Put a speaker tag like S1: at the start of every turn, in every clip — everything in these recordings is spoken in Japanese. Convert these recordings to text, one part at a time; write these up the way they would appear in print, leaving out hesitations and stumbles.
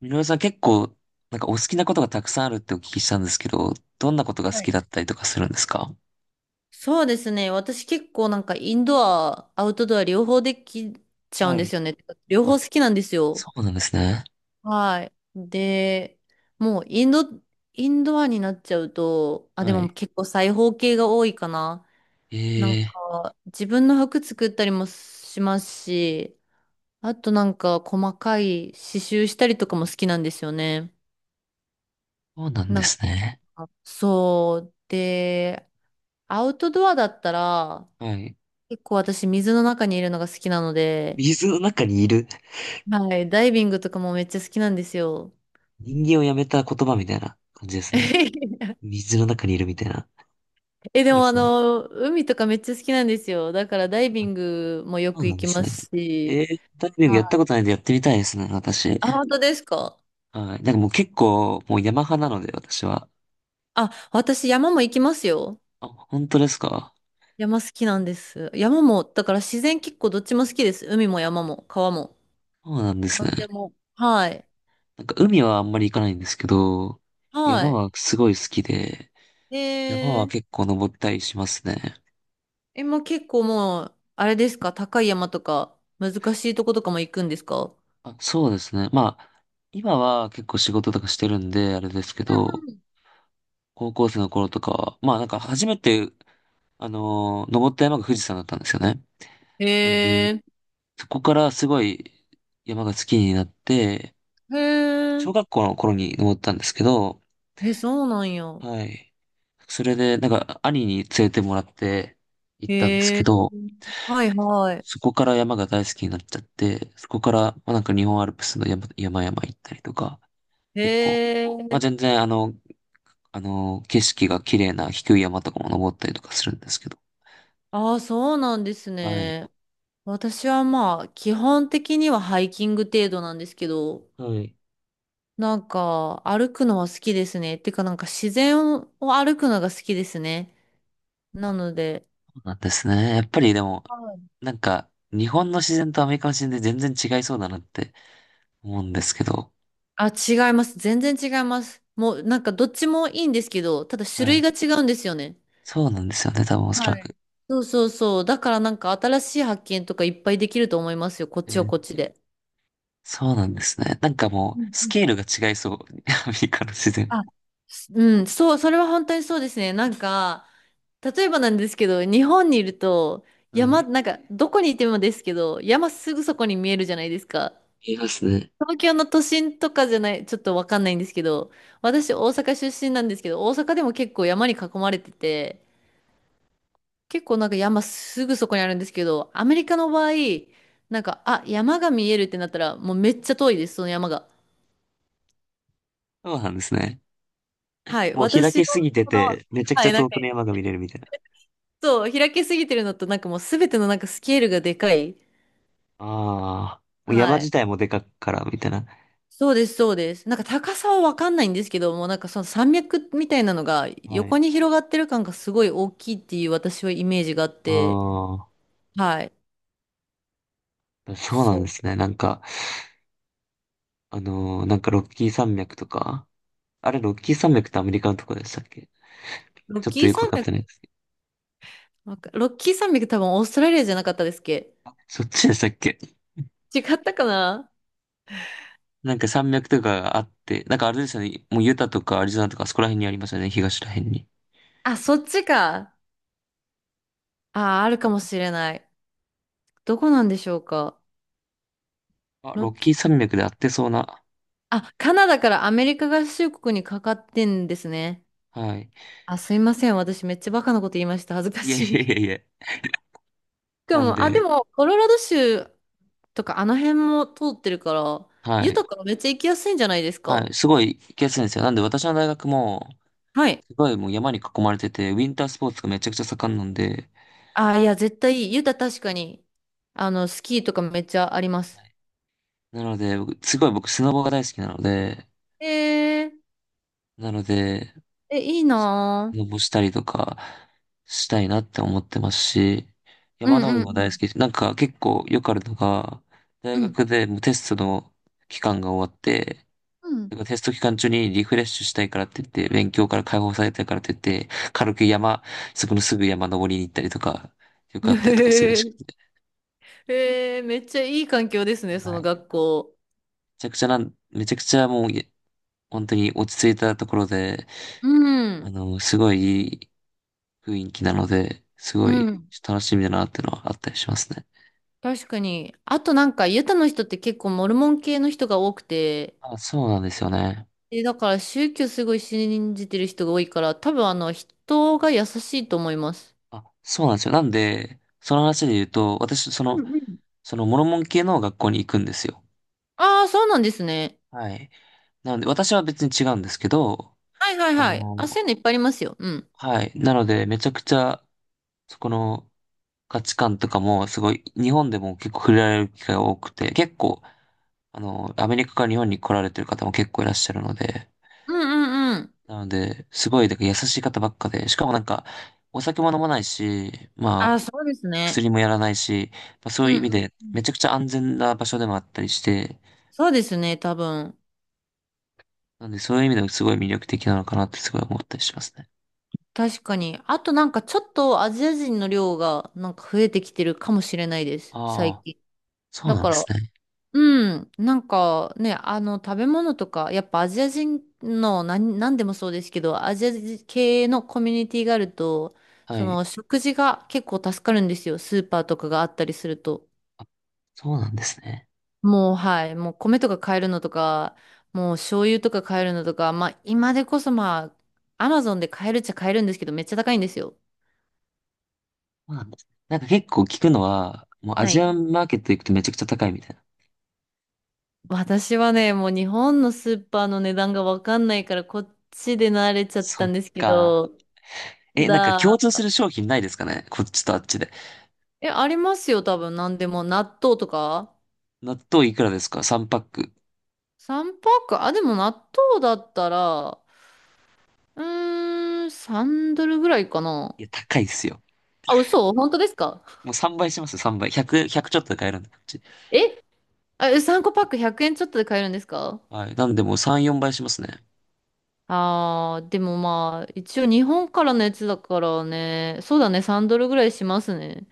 S1: みのるさん結構、なんかお好きなことがたくさんあるってお聞きしたんですけど、どんなことが好
S2: はい。
S1: きだったりとかするんですか？
S2: そうですね。私結構なんかインドア、アウトドア両方できちゃうん
S1: は
S2: です
S1: い。
S2: よね。両
S1: あ、
S2: 方好きなんですよ。
S1: そうなんですね。
S2: はい。で、もうインドアになっちゃうと、あ、で
S1: は
S2: も
S1: い。
S2: 結構裁縫系が多いかな。なん
S1: ええ、
S2: か自分の服作ったりもしますし、あとなんか細かい刺繍したりとかも好きなんですよね。
S1: そうなん
S2: な
S1: で
S2: ん
S1: すね。
S2: か、そう。で、アウトドアだったら、
S1: はい。
S2: 結構私水の中にいるのが好きなので、
S1: 水の中にいる。
S2: はい。ダイビングとかもめっちゃ好きなんですよ。
S1: 人間をやめた言葉みたいな感じですね。水の中にいるみたいな。
S2: え、で
S1: いいで
S2: も
S1: すね。
S2: 海とかめっちゃ好きなんですよ。だからダイビ
S1: あ、
S2: ングもよ
S1: そう
S2: く
S1: な
S2: 行
S1: んで
S2: き
S1: す
S2: ま
S1: ね。
S2: すし。
S1: ええ、ダイビングやっ
S2: は
S1: たこ
S2: い
S1: とないんでやってみたいですね、私。
S2: あ、本当ですか？
S1: はい。なんかもう結構、もう山派なので、私は。
S2: あ、私山も行きますよ。
S1: あ、本当ですか？
S2: 山好きなんです。山も、だから自然結構どっちも好きです。海も山も川も。
S1: そうなんです
S2: な
S1: ね。
S2: んでも。はい。
S1: なんか海はあんまり行かないんですけど、
S2: は
S1: 山
S2: い。
S1: はすごい好きで、山は
S2: えー、
S1: 結構登ったりしますね。
S2: え、もう結構もう、あれですか？高い山とか難しいとことかも行くんですか？
S1: あ、そうですね。まあ、今は結構仕事とかしてるんで、あれですけど、高校生の頃とかは、まあなんか初めて、登った山が富士山だったんですよね。なんで、
S2: え
S1: そこからすごい山が好きになって、
S2: へ
S1: 小
S2: ー
S1: 学校の頃に登ったんですけど、
S2: え、そうなんや。
S1: はい。それで、なんか兄に連れてもらって行ったんです
S2: へ
S1: け
S2: え、
S1: ど、
S2: はいはい。
S1: そこから山が大好きになっちゃって、そこから、まあ、なんか日本アルプスの山、山々行ったりとか、結構、
S2: へ
S1: まあ
S2: え、
S1: 全然景色が綺麗な低い山とかも登ったりとかするんですけど。
S2: ああ、そうなんです
S1: はい。
S2: ね。私はまあ、基本的にはハイキング程度なんですけど、
S1: はい。
S2: なんか、歩くのは好きですね。てか、なんか自然を歩くのが好きですね。なので、
S1: そうなんですね。やっぱりでも、
S2: はい
S1: なんか、日本の自然とアメリカの自然で全然違いそうだなって思うんですけど。
S2: あ、違います。全然違います。もう、なんかどっちもいいんですけど、ただ種
S1: は
S2: 類
S1: い。
S2: が違うんですよね。
S1: そうなんですよね、多分おそら
S2: はい。
S1: く。
S2: そうそうそう。だからなんか新しい発見とかいっぱいできると思いますよ。こっ
S1: え
S2: ちは
S1: ー
S2: こっちで。
S1: そうなんですね。なんか
S2: う
S1: も
S2: ん
S1: う、ス
S2: うん。
S1: ケールが違いそう。アメリカの自然。
S2: あ、うん、そう、それは本当にそうですね。なんか、例えばなんですけど、日本にいると、
S1: は
S2: 山、
S1: い。
S2: なんか、どこにいてもですけど、山すぐそこに見えるじゃないですか。
S1: いますね。
S2: 東京の都心とかじゃない、ちょっとわかんないんですけど、私大阪出身なんですけど、大阪でも結構山に囲まれてて、結構なんか山すぐそこにあるんですけど、アメリカの場合、なんか、あ、山が見えるってなったら、もうめっちゃ遠いです、その山が。
S1: そうなんですね。
S2: はい、
S1: もう開
S2: 私の、
S1: けすぎて
S2: この、
S1: て、めちゃく
S2: は
S1: ちゃ
S2: い、なんか、
S1: 遠くの山が見れるみたいな。
S2: そう、開けすぎてるのと、なんかもうすべてのなんかスケールがでかい。
S1: ああ、もう山
S2: はい。
S1: 自体もでかっから、みたいな。
S2: そうです、そうです。なんか高さはわかんないんですけど、もうなんかその山脈みたいなのが
S1: は
S2: 横
S1: い。
S2: に広がってる感がすごい大きいっていう私はイメージがあって、
S1: あ
S2: はい。
S1: あ、そうなんで
S2: そ
S1: すね。なんか、なんかロッキー山脈とか。あれ、ロッキー山脈ってアメリカのとこでしたっけ？
S2: う。ロッ
S1: ちょっ
S2: キ
S1: と
S2: ー
S1: よくわ
S2: 山
S1: かって
S2: 脈、
S1: ないですけど。
S2: ロッキー山脈多分オーストラリアじゃなかったですっけ？
S1: あそっちでしたっけ？
S2: 違ったかな。
S1: なんか山脈とかがあって、なんかあれですよね。もうユタとかアリゾナとかあそこら辺にありますよね。東ら辺に。
S2: あ、そっちか。あー、あるかもしれない。どこなんでしょうか。
S1: あ、
S2: ロッ
S1: ロッ
S2: キ
S1: キー
S2: ー。
S1: 山脈であってそうな。
S2: あ、カナダからアメリカ合衆国にかかってんですね。
S1: はい。
S2: あ、すいません。私めっちゃバカなこと言いました。恥ずか
S1: いやい
S2: しい。
S1: や い
S2: し
S1: やいや。
S2: か
S1: なん
S2: も、あ、で
S1: で、
S2: も、コロラド州とかあの辺も通ってるから、
S1: は
S2: ユタ
S1: い。
S2: からめっちゃ行きやすいんじゃないです
S1: は
S2: か。
S1: い、すごい行きやすいんですよ。なんで私の大学も、
S2: はい。
S1: すごいもう山に囲まれてて、ウィンタースポーツがめちゃくちゃ盛んなんで、
S2: あ、いや、絶対いい。ユタ確かに、あの、スキーとかめっちゃあります。
S1: なので、僕すごい僕スノボが大好きなので、
S2: えー、
S1: なので、
S2: え、いいな
S1: ス
S2: ぁ。
S1: ノボしたりとかしたいなって思ってますし、
S2: うん
S1: 山登り
S2: う
S1: も大好
S2: ん
S1: きです。なんか結構よくあるのが、
S2: う
S1: 大
S2: ん。
S1: 学でもうテストの期間が終わって、
S2: うん。うん。
S1: テスト期間中にリフレッシュしたいからって言って、勉強から解放されたいからって言って、軽く山、そこのすぐ山登りに行ったりとか、よくあったりとかするらしく て。
S2: へえ、めっちゃいい環境ですね、そ
S1: はい。
S2: の学校。
S1: めちゃくちゃもう、本当に落ち着いたところで、
S2: うん、
S1: すごいいい雰囲気なので、すご
S2: う
S1: い
S2: ん、
S1: 楽しみだなってのはあったりしますね。
S2: 確かに。あとなんか、ユタの人って結構モルモン系の人が多くて、
S1: あ、そうなんですよね。
S2: で、だから宗教すごい信じてる人が多いから、多分人が優しいと思います。
S1: あ、そうなんですよ。なんで、その話で言うと、私、そ
S2: う
S1: の、
S2: んうん。
S1: そのモルモン系の学校に行くんですよ。
S2: ああ、そうなんですね。
S1: はい。なので、私は別に違うんですけど、
S2: はいはい
S1: あ
S2: はい。
S1: の、
S2: あ、そういうのいっぱいありますよ。うん。
S1: はい。なので、めちゃくちゃ、そこの価値観とかも、すごい、日本でも結構触れられる機会が多くて、結構、アメリカから日本に来られてる方も結構いらっしゃるので、
S2: うんうんうん。
S1: なので、すごい、だから優しい方ばっかで、しかもなんか、お酒も飲まないし、
S2: ああ、
S1: まあ、
S2: そうですね。
S1: 薬もやらないし、まあ、そう
S2: う
S1: い
S2: ん
S1: う意
S2: う
S1: 味
S2: ん
S1: で、
S2: う
S1: め
S2: ん。
S1: ちゃくちゃ安全な場所でもあったりして、
S2: そうですね、多分。
S1: なので、そういう意味でもすごい魅力的なのかなってすごい思ったりしますね。
S2: 確かに。あとなんかちょっとアジア人の量がなんか増えてきてるかもしれないです。
S1: あ
S2: 最
S1: あ、
S2: 近。
S1: そう
S2: だ
S1: なん
S2: か
S1: です
S2: ら、
S1: ね。
S2: うん。なんかね、あの食べ物とか、やっぱアジア人の何でもそうですけど、アジア人系のコミュニティがあると、
S1: は
S2: そ
S1: い。
S2: の食事が結構助かるんですよ。スーパーとかがあったりすると。
S1: そうなんですね。
S2: もうはい。もう米とか買えるのとか、もう醤油とか買えるのとか、まあ今でこそまあ、アマゾンで買えるっちゃ買えるんですけど、めっちゃ高いんですよ。
S1: まあ、なんか結構聞くのは、もうア
S2: は
S1: ジ
S2: い
S1: アンマーケット行くとめちゃくちゃ高いみたいな。
S2: 私はね、もう日本のスーパーの値段がわかんないから、こっちで慣れちゃっ
S1: そ
S2: た
S1: っ
S2: んですけ
S1: か。
S2: ど、た
S1: え、なんか共通す
S2: だ、
S1: る商品ないですかねこっちとあっちで。
S2: え、ありますよ、多分、なんでも、納豆とか。
S1: 納豆いくらですか？ 3 パック。
S2: 3パック、あ、でも納豆だったら、うーん、3ドルぐらいかな。
S1: いや、高いっすよ。
S2: あ、嘘？本当ですか？
S1: もう3倍しますよ、3倍。100、ひゃくちょっとで買えるんで、こっち。
S2: え、あ、3個パック100円ちょっとで買えるんですか？
S1: はい。なんでもう3、4倍しますね。
S2: あー、でもまあ、一応日本からのやつだからね、そうだね、3ドルぐらいしますね。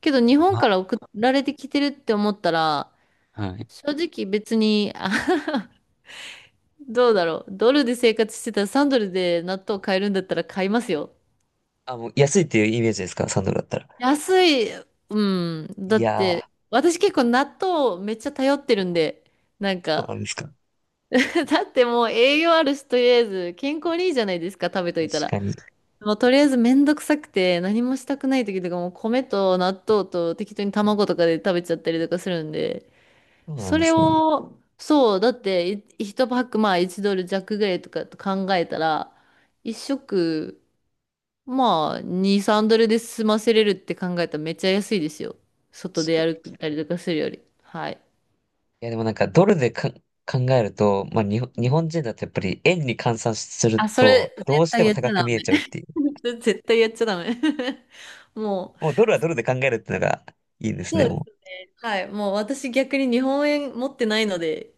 S2: けど日本
S1: あ、
S2: から送られてきてるって思ったら、
S1: はい。
S2: 正直別に、あ。 どうだろう。ドルで生活してたら3ドルで納豆買えるんだったら買いますよ。
S1: あ、もう安いっていうイメージですか？ 3 ドルだったら。
S2: 安い、うん。だ
S1: い
S2: っ
S1: や
S2: て、
S1: ー、
S2: 私結構納豆めっちゃ頼ってるんで、なん
S1: そう
S2: か、
S1: なんですか。
S2: だってもう栄養あるし、とりあえず健康にいいじゃないですか、食べと
S1: 確
S2: いたら。
S1: かに。
S2: もうとりあえずめんどくさくて何もしたくない時とかもう米と納豆と適当に卵とかで食べちゃったりとかするんで、
S1: そうなん
S2: そ
S1: で
S2: れ
S1: すね。
S2: を、そう、だって1パックまあ1ドル弱ぐらいとかと考えたら、1食まあ2、3ドルで済ませれるって考えたらめっちゃ安いですよ。外でやる
S1: 確
S2: ったりとかするより。はい。
S1: いやでもなんかドルでか考えると、まあ日本人だとやっぱり円に換算する
S2: あ、そ
S1: と
S2: れ絶
S1: どうして
S2: 対
S1: も
S2: やっち
S1: 高
S2: ゃ
S1: く
S2: ダ
S1: 見え
S2: メ。
S1: ちゃうっ ていう。
S2: 絶対やっちゃダメ。も
S1: もうドルはドルで考えるってのがいいんで
S2: う、
S1: すね、
S2: そうで
S1: も
S2: す。はい。もう私逆に日本円持ってないので、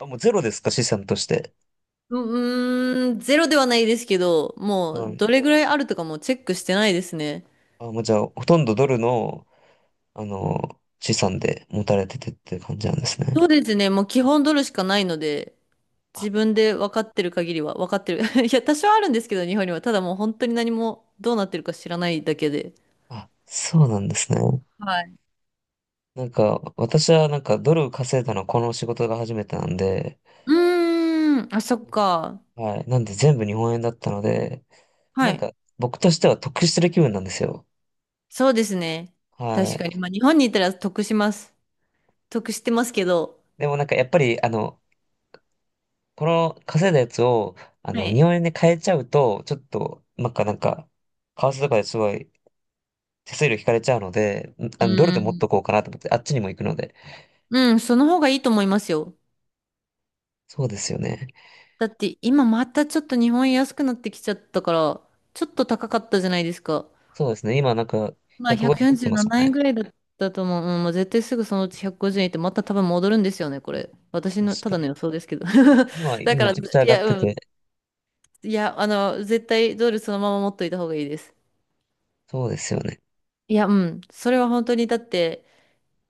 S1: う。あ、もうゼロですか、資産として。
S2: ううーん、ゼロではないですけど、も
S1: は
S2: う
S1: い。
S2: どれぐらいあるとかもチェックしてないですね。
S1: あ、もうじゃあほとんどドルの、資産で持たれててっていう感じなんですね。
S2: そうですね。もう基本ドルしかないので、自
S1: あ、
S2: 分で分かってる限りは、分かってる。いや、多少あるんですけど、日本には。ただもう本当に何もどうなってるか知らないだけで。
S1: あ、そうなんですね。
S2: はい。
S1: なんか私はなんかドル稼いだのはこの仕事が初めてなんで、
S2: うーん、あ、そっか。
S1: はい。なんで全部日本円だったので、
S2: は
S1: なん
S2: い。
S1: か僕としては得してる気分なんですよ。
S2: そうですね。
S1: は
S2: 確
S1: い。
S2: かに。まあ、日本にいたら得します。得してますけど。
S1: でもなんかやっぱり、この稼いだやつを、
S2: はい。
S1: 日本円で買えちゃうと、ちょっと、なんか、為替とかですごい手数料引かれちゃうので、
S2: う
S1: ドル
S2: ー
S1: で持っ
S2: ん。
S1: とこうかなと思って、あっちにも行くので。
S2: うん、その方がいいと思いますよ。
S1: そうですよね。
S2: だって今またちょっと日本円安くなってきちゃったから、ちょっと高かったじゃないですか。
S1: そうですね。今なんか、
S2: まあ、
S1: 150切っ
S2: 147
S1: てますよ
S2: 円
S1: ね。
S2: ぐらいだったと思う。うん、もう絶対すぐそのうち150円ってまた多分戻るんですよね、これ。私
S1: 確
S2: の、ただ
S1: か
S2: の予想ですけど。
S1: に。今、
S2: だか
S1: め
S2: ら、い
S1: ちゃくちゃ上がっ
S2: や、
S1: て
S2: うん。
S1: て。
S2: いや、あの、絶対ドルそのまま持っといた方がいいです。
S1: そうですよね。
S2: いや、うん。それは本当に、だって、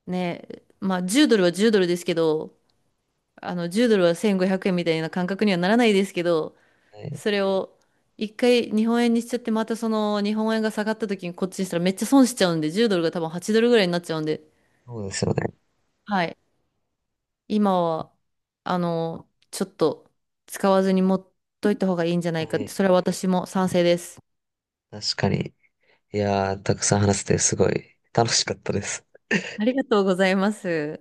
S2: ね、まあ、10ドルは10ドルですけど、あの、10ドルは1500円みたいな感覚にはならないですけど、
S1: はい。
S2: それを、一回日本円にしちゃって、またその日本円が下がった時にこっちにしたらめっちゃ損しちゃうんで、10ドルが多分8ドルぐらいになっちゃうんで、
S1: そうですよね。
S2: はい。今は、あの、ちょっと使わずに持っといた方がいいんじゃな
S1: は
S2: いかって、
S1: い。
S2: それは私も賛成です。
S1: 確かに。いやー、たくさん話せてすごい楽しかったです。
S2: ありがとうございます。